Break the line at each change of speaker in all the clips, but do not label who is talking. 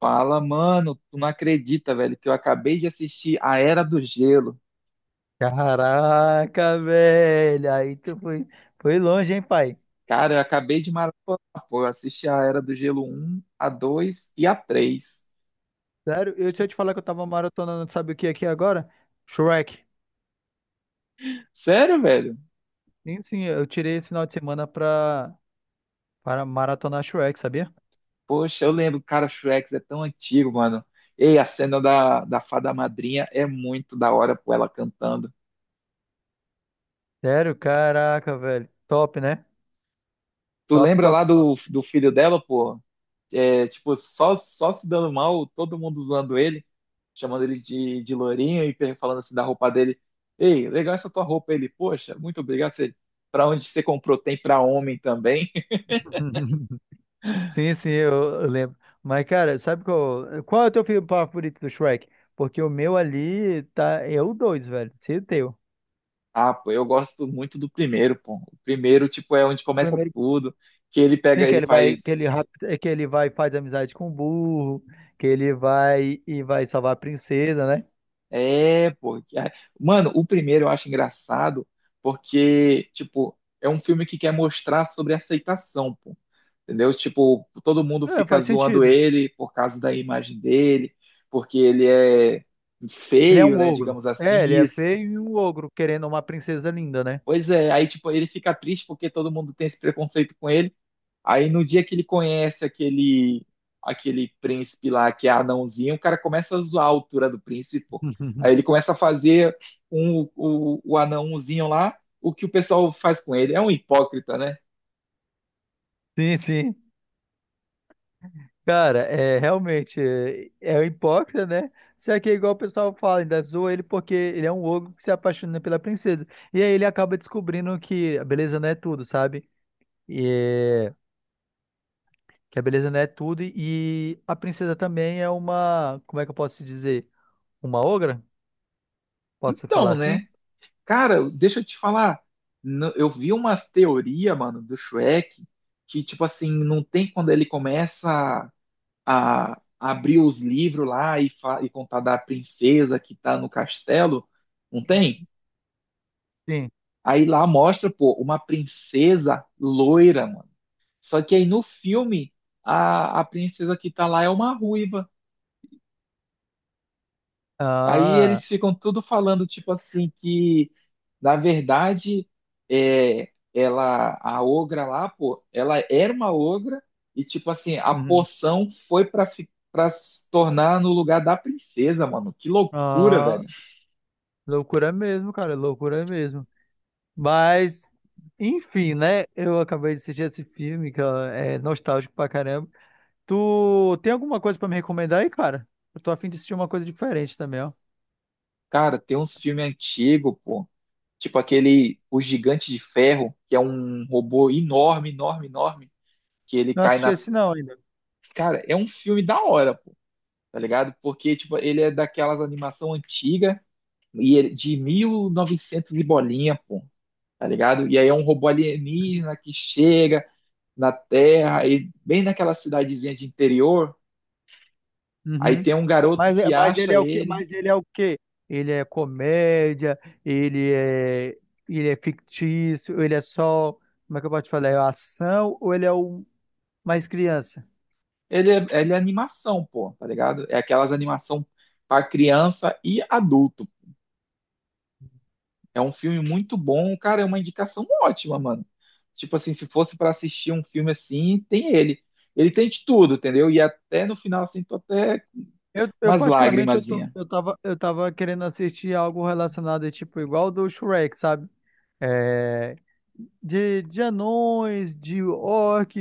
Fala, mano, tu não acredita, velho, que eu acabei de assistir A Era do Gelo.
Caraca, velho. Aí tu foi longe, hein, pai?
Cara, eu acabei de maratonar, pô, eu assisti A Era do Gelo um, a 2 e a 3.
Sério, se eu te falar que eu tava maratonando, sabe o que aqui agora? Shrek.
Sério, velho?
Sim, sim, eu tirei esse final de semana para maratonar Shrek, sabia?
Poxa, eu lembro, cara, Shrek é tão antigo, mano. Ei, a cena da fada madrinha é muito da hora, pô, ela cantando.
Sério, caraca, velho. Top, né?
Tu
Top,
lembra
top,
lá
top.
do filho dela, pô? É, tipo, só se dando mal, todo mundo usando ele. Chamando ele de lourinho e falando assim da roupa dele. Ei, legal essa tua roupa. Ele, poxa, muito obrigado. Você, pra onde você comprou? Tem pra homem também?
Sim, sim, eu lembro. Mas, cara, sabe qual é o teu filme favorito do Shrek? Porque o meu ali é o dois, velho. Se o teu. O
Ah, pô, eu gosto muito do primeiro, pô. O primeiro, tipo, é onde começa
primeiro.
tudo, que ele pega,
Sim,
ele faz.
que ele vai e faz amizade com o burro, que ele vai e vai salvar a princesa, né?
É, pô. Mano, o primeiro eu acho engraçado porque, tipo, é um filme que quer mostrar sobre aceitação, pô. Entendeu? Tipo, todo mundo
É,
fica
faz
zoando
sentido.
ele por causa da imagem dele, porque ele é
Ele é
feio,
um
né,
ogro.
digamos
É,
assim,
ele é
isso.
feio e um ogro querendo uma princesa linda, né?
Pois é, aí, tipo, ele fica triste porque todo mundo tem esse preconceito com ele. Aí no dia que ele conhece aquele príncipe lá que é anãozinho, o cara começa a zoar a altura do príncipe, pô. Aí ele começa a fazer o anãozinho lá, o que o pessoal faz com ele. É um hipócrita, né?
Sim, sim. Cara, é realmente é um hipócrita, né? Só que é igual o pessoal fala, ainda zoa ele porque ele é um ogro que se apaixona pela princesa. E aí ele acaba descobrindo que a beleza não é tudo, sabe? E é. Que a beleza não é tudo e a princesa também é uma, como é que eu posso dizer? Uma ogra? Posso falar
Então,
assim?
né? Cara, deixa eu te falar. Eu vi umas teorias, mano, do Shrek, que, tipo assim, não tem quando ele começa a abrir os livros lá e, e contar da princesa que tá no castelo. Não tem?
Sim.
Aí lá mostra, pô, uma princesa loira, mano. Só que aí no filme, a princesa que tá lá é uma ruiva. Aí
Ah,
eles ficam tudo falando, tipo assim, que na verdade é, ela, a ogra lá, pô, ela era uma ogra e, tipo assim, a
uhum.
poção foi pra, pra se tornar no lugar da princesa, mano. Que loucura,
Ah,
velho.
loucura mesmo, cara, loucura mesmo. Mas, enfim, né? Eu acabei de assistir esse filme que ó, é nostálgico pra caramba. Tu tem alguma coisa pra me recomendar aí, cara? Eu tô a fim de assistir uma coisa diferente também, ó.
Cara, tem uns filmes antigos, pô. Tipo aquele O Gigante de Ferro, que é um robô enorme, enorme, enorme, que ele
Não
cai
assisti
na.
esse não ainda.
Cara, é um filme da hora, pô, tá ligado? Porque, tipo, ele é daquelas animação antiga e de 1900 e bolinha, pô, tá ligado? E aí é um robô
Uhum.
alienígena que chega na Terra, e bem naquela cidadezinha de interior, aí
Uhum.
tem um garoto
Mas,
que
mas ele
acha
é o quê?
ele.
Mas ele é o quê? Ele é comédia, ele é, ele é fictício, ele é só, como é que eu posso te falar? É ação ou ele é um mais criança?
Ele é animação, pô, tá ligado? É aquelas animação para criança e adulto. É um filme muito bom, cara, é uma indicação ótima, mano. Tipo assim, se fosse pra assistir um filme assim, tem ele. Ele tem de tudo, entendeu? E até no final, assim, tô até com
Eu
umas
particularmente, eu, tô,
lagrimazinha.
eu tava, eu tava querendo assistir algo relacionado, é tipo, igual do Shrek, sabe? É, de anões, de orc,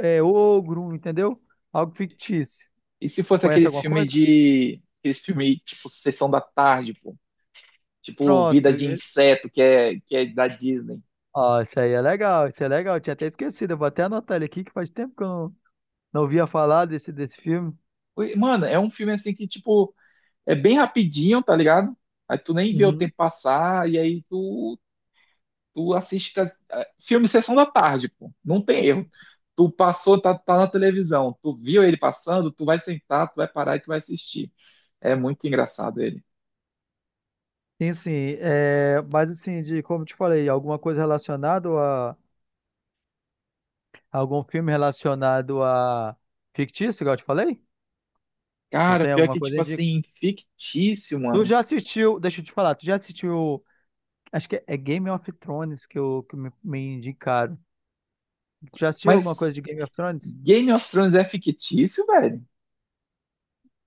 é, ogro, entendeu? Algo fictício.
E se fosse
Conhece
aqueles
alguma
filme
coisa?
de... Aqueles filme, tipo, Sessão da Tarde, pô. Tipo, Vida
Pronto.
de
É,
Inseto, que é da Disney.
ó, isso aí é legal, isso é legal. Eu tinha até esquecido. Eu vou até anotar ele aqui, que faz tempo que eu não ouvia falar desse filme.
Ui, mano, é um filme, assim, que, tipo, é bem rapidinho, tá ligado? Aí tu nem vê o
Uhum.
tempo passar, e aí tu. Tu assiste filme Sessão da Tarde, pô. Não tem erro. Tu passou, tá na televisão, tu viu ele passando, tu vai sentar, tu vai parar e tu vai assistir. É muito engraçado ele.
Sim, sim. É, mas assim, de como eu te falei, algum filme relacionado a fictício, igual eu te falei? Tu
Cara,
tem
pior
alguma
que,
coisa
tipo
aí de.
assim, fictício,
Tu
mano.
já assistiu, deixa eu te falar, tu já assistiu. Acho que é Game of Thrones que me indicaram. Tu já assistiu alguma coisa
Mas
de Game of Thrones?
Game of Thrones é fictício, velho?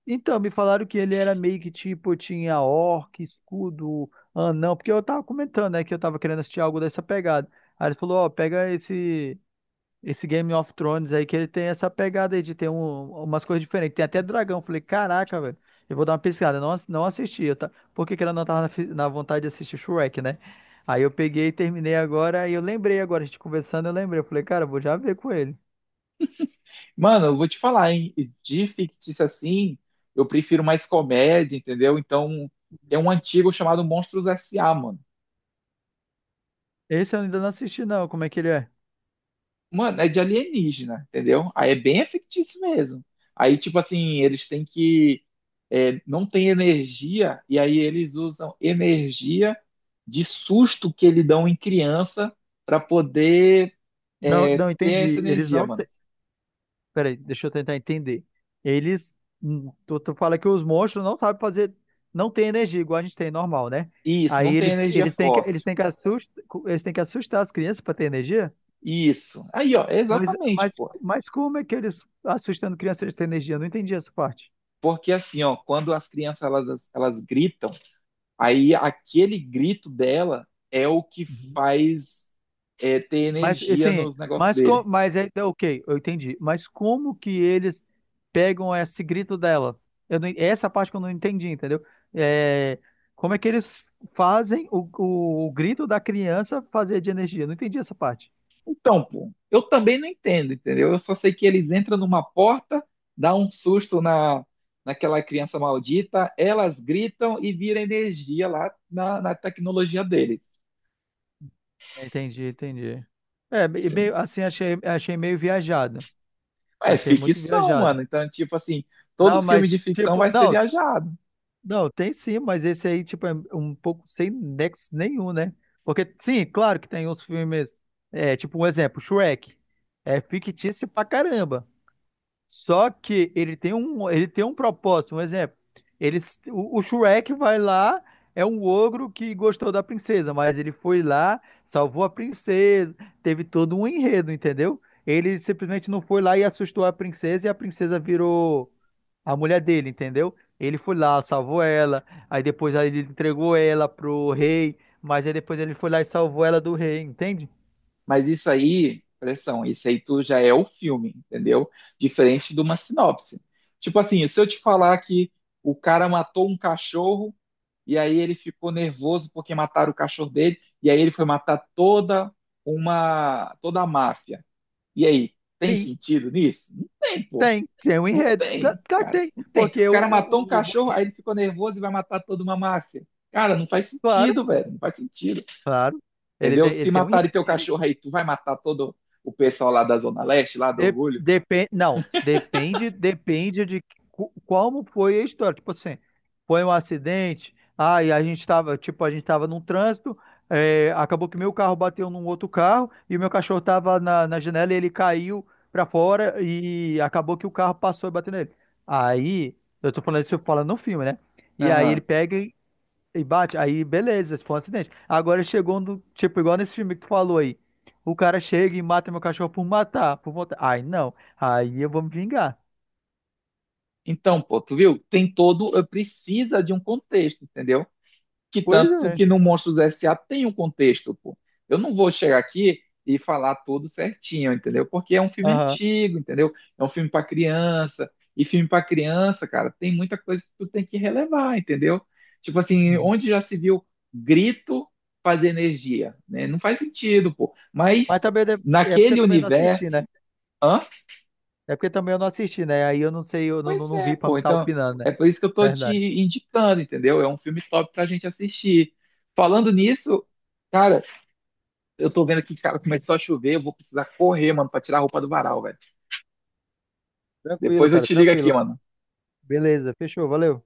Então, me falaram que ele era meio que tipo, tinha orc, escudo, anão, porque eu tava comentando, né, que eu tava querendo assistir algo dessa pegada. Aí ele falou, ó, pega esse Game of Thrones aí, que ele tem essa pegada aí de ter umas coisas diferentes. Tem até dragão. Eu falei, caraca, velho, eu vou dar uma pesquisada. Eu não assisti, porque que ela não tava na vontade de assistir Shrek, né? Aí eu peguei e terminei agora, e eu lembrei agora, a gente conversando, eu lembrei. Eu falei, cara, eu vou já ver com ele.
Mano, eu vou te falar, hein? De fictício assim, eu prefiro mais comédia, entendeu? Então, tem um antigo chamado Monstros S.A., mano.
Esse eu ainda não assisti, não, como é que ele é?
Mano, é de alienígena, entendeu? Aí é bem fictício mesmo. Aí, tipo assim, eles têm que. É, não tem energia, e aí eles usam energia de susto que eles dão em criança para poder,
Não,
é,
não
ter
entendi.
essa
Eles
energia,
não.
mano.
Peraí, deixa eu tentar entender. Eles. Tu fala que os monstros não sabem fazer. Não tem energia igual a gente tem normal, né?
Isso,
Aí
não tem energia fóssil.
eles têm que assustar as crianças para ter energia?
Isso. Aí, ó, é
Mas,
exatamente,
mas,
pô.
mas como é que eles, assustando crianças, eles têm energia? Eu não entendi essa parte.
Porque assim, ó, quando as crianças elas gritam, aí aquele grito dela é o que faz, é, ter
Mas
energia
assim,
nos negócios
mas co-
dele.
mas é ok, eu entendi. Mas como que eles pegam esse grito dela? Eu não- Essa parte que eu não entendi, entendeu? É, como é que eles fazem o grito da criança fazer de energia? Eu não entendi essa parte.
Então, pô, eu também não entendo, entendeu? Eu só sei que eles entram numa porta, dá um susto na naquela criança maldita, elas gritam e vira energia lá na tecnologia deles.
Entendi, entendi. É, me-
Entendeu?
meio assim, achei meio viajado.
É
Achei muito
ficção,
viajado.
mano. Então, tipo assim, todo
Não,
filme de
mas
ficção
tipo,
vai ser
não,
viajado.
não, tem sim, mas esse aí, tipo, é um pouco sem nexo nenhum, né? Porque, sim, claro que tem uns filmes, é, tipo, um exemplo, Shrek. É fictício pra caramba. Só que ele tem um, propósito, um exemplo. O Shrek vai lá, é um ogro que gostou da princesa, mas ele foi lá, salvou a princesa, teve todo um enredo, entendeu? Ele simplesmente não foi lá e assustou a princesa e a princesa virou a mulher dele, entendeu? Ele foi lá, salvou ela, aí depois aí ele entregou ela pro rei, mas aí depois ele foi lá e salvou ela do rei, entende?
Mas isso aí, pressão, isso aí tu já é o filme, entendeu? Diferente de uma sinopse. Tipo assim, se eu te falar que o cara matou um cachorro e aí ele ficou nervoso porque mataram o cachorro dele e aí ele foi matar toda a máfia. E aí, tem
Sim.
sentido nisso? Não tem, pô.
Tem um
Não
enredo. Cla-
tem,
Claro que
cara.
tem,
Não tem. O
porque o,
cara matou um
o, o
cachorro, aí
bandido,
ele ficou nervoso e vai matar toda uma máfia. Cara, não faz
claro,
sentido, velho. Não faz sentido.
claro, ele
Entendeu?
tem,
Se
ele tem um
matarem teu
enredo.
cachorro aí, tu vai matar todo o pessoal lá da Zona Leste, lá do Orgulho?
Não, depende de como foi a história. Tipo assim, foi um acidente, aí tipo, a gente estava num trânsito, é, acabou que meu carro bateu num outro carro e o meu cachorro estava na janela e ele caiu para fora e acabou que o carro passou e bateu nele. Aí, eu tô falando isso, eu falo no filme, né? E aí ele
Aham.
pega e bate, aí beleza, tipo um acidente. Agora chegou um do, tipo, igual nesse filme que tu falou aí. O cara chega e mata meu cachorro por matar, por matar. Ai, não. Aí eu vou me vingar.
Então, pô, tu viu? Tem todo, precisa de um contexto, entendeu? Que
Pois
tanto
é.
que no Monstros S.A. tem um contexto, pô. Eu não vou chegar aqui e falar tudo certinho, entendeu? Porque é um filme
Aham.
antigo, entendeu? É um filme para criança. E filme para criança, cara, tem muita coisa que tu tem que relevar, entendeu? Tipo assim,
Uhum.
onde já se viu grito fazer energia, né? Não faz sentido, pô.
Mas
Mas
também é porque eu
naquele
também não assisti, né?
universo, hã?
É porque também eu não assisti, né? Aí eu não sei, eu não, não,
Pois
não
é,
vi pra me
pô.
estar
Então,
opinando, né?
é por isso que eu tô te
Verdade.
indicando, entendeu? É um filme top pra gente assistir. Falando nisso, cara, eu tô vendo aqui, cara, começou a chover, eu vou precisar correr, mano, pra tirar a roupa do varal, velho.
Tranquilo,
Depois eu
cara,
te ligo aqui,
tranquilo.
mano.
Beleza, fechou, valeu.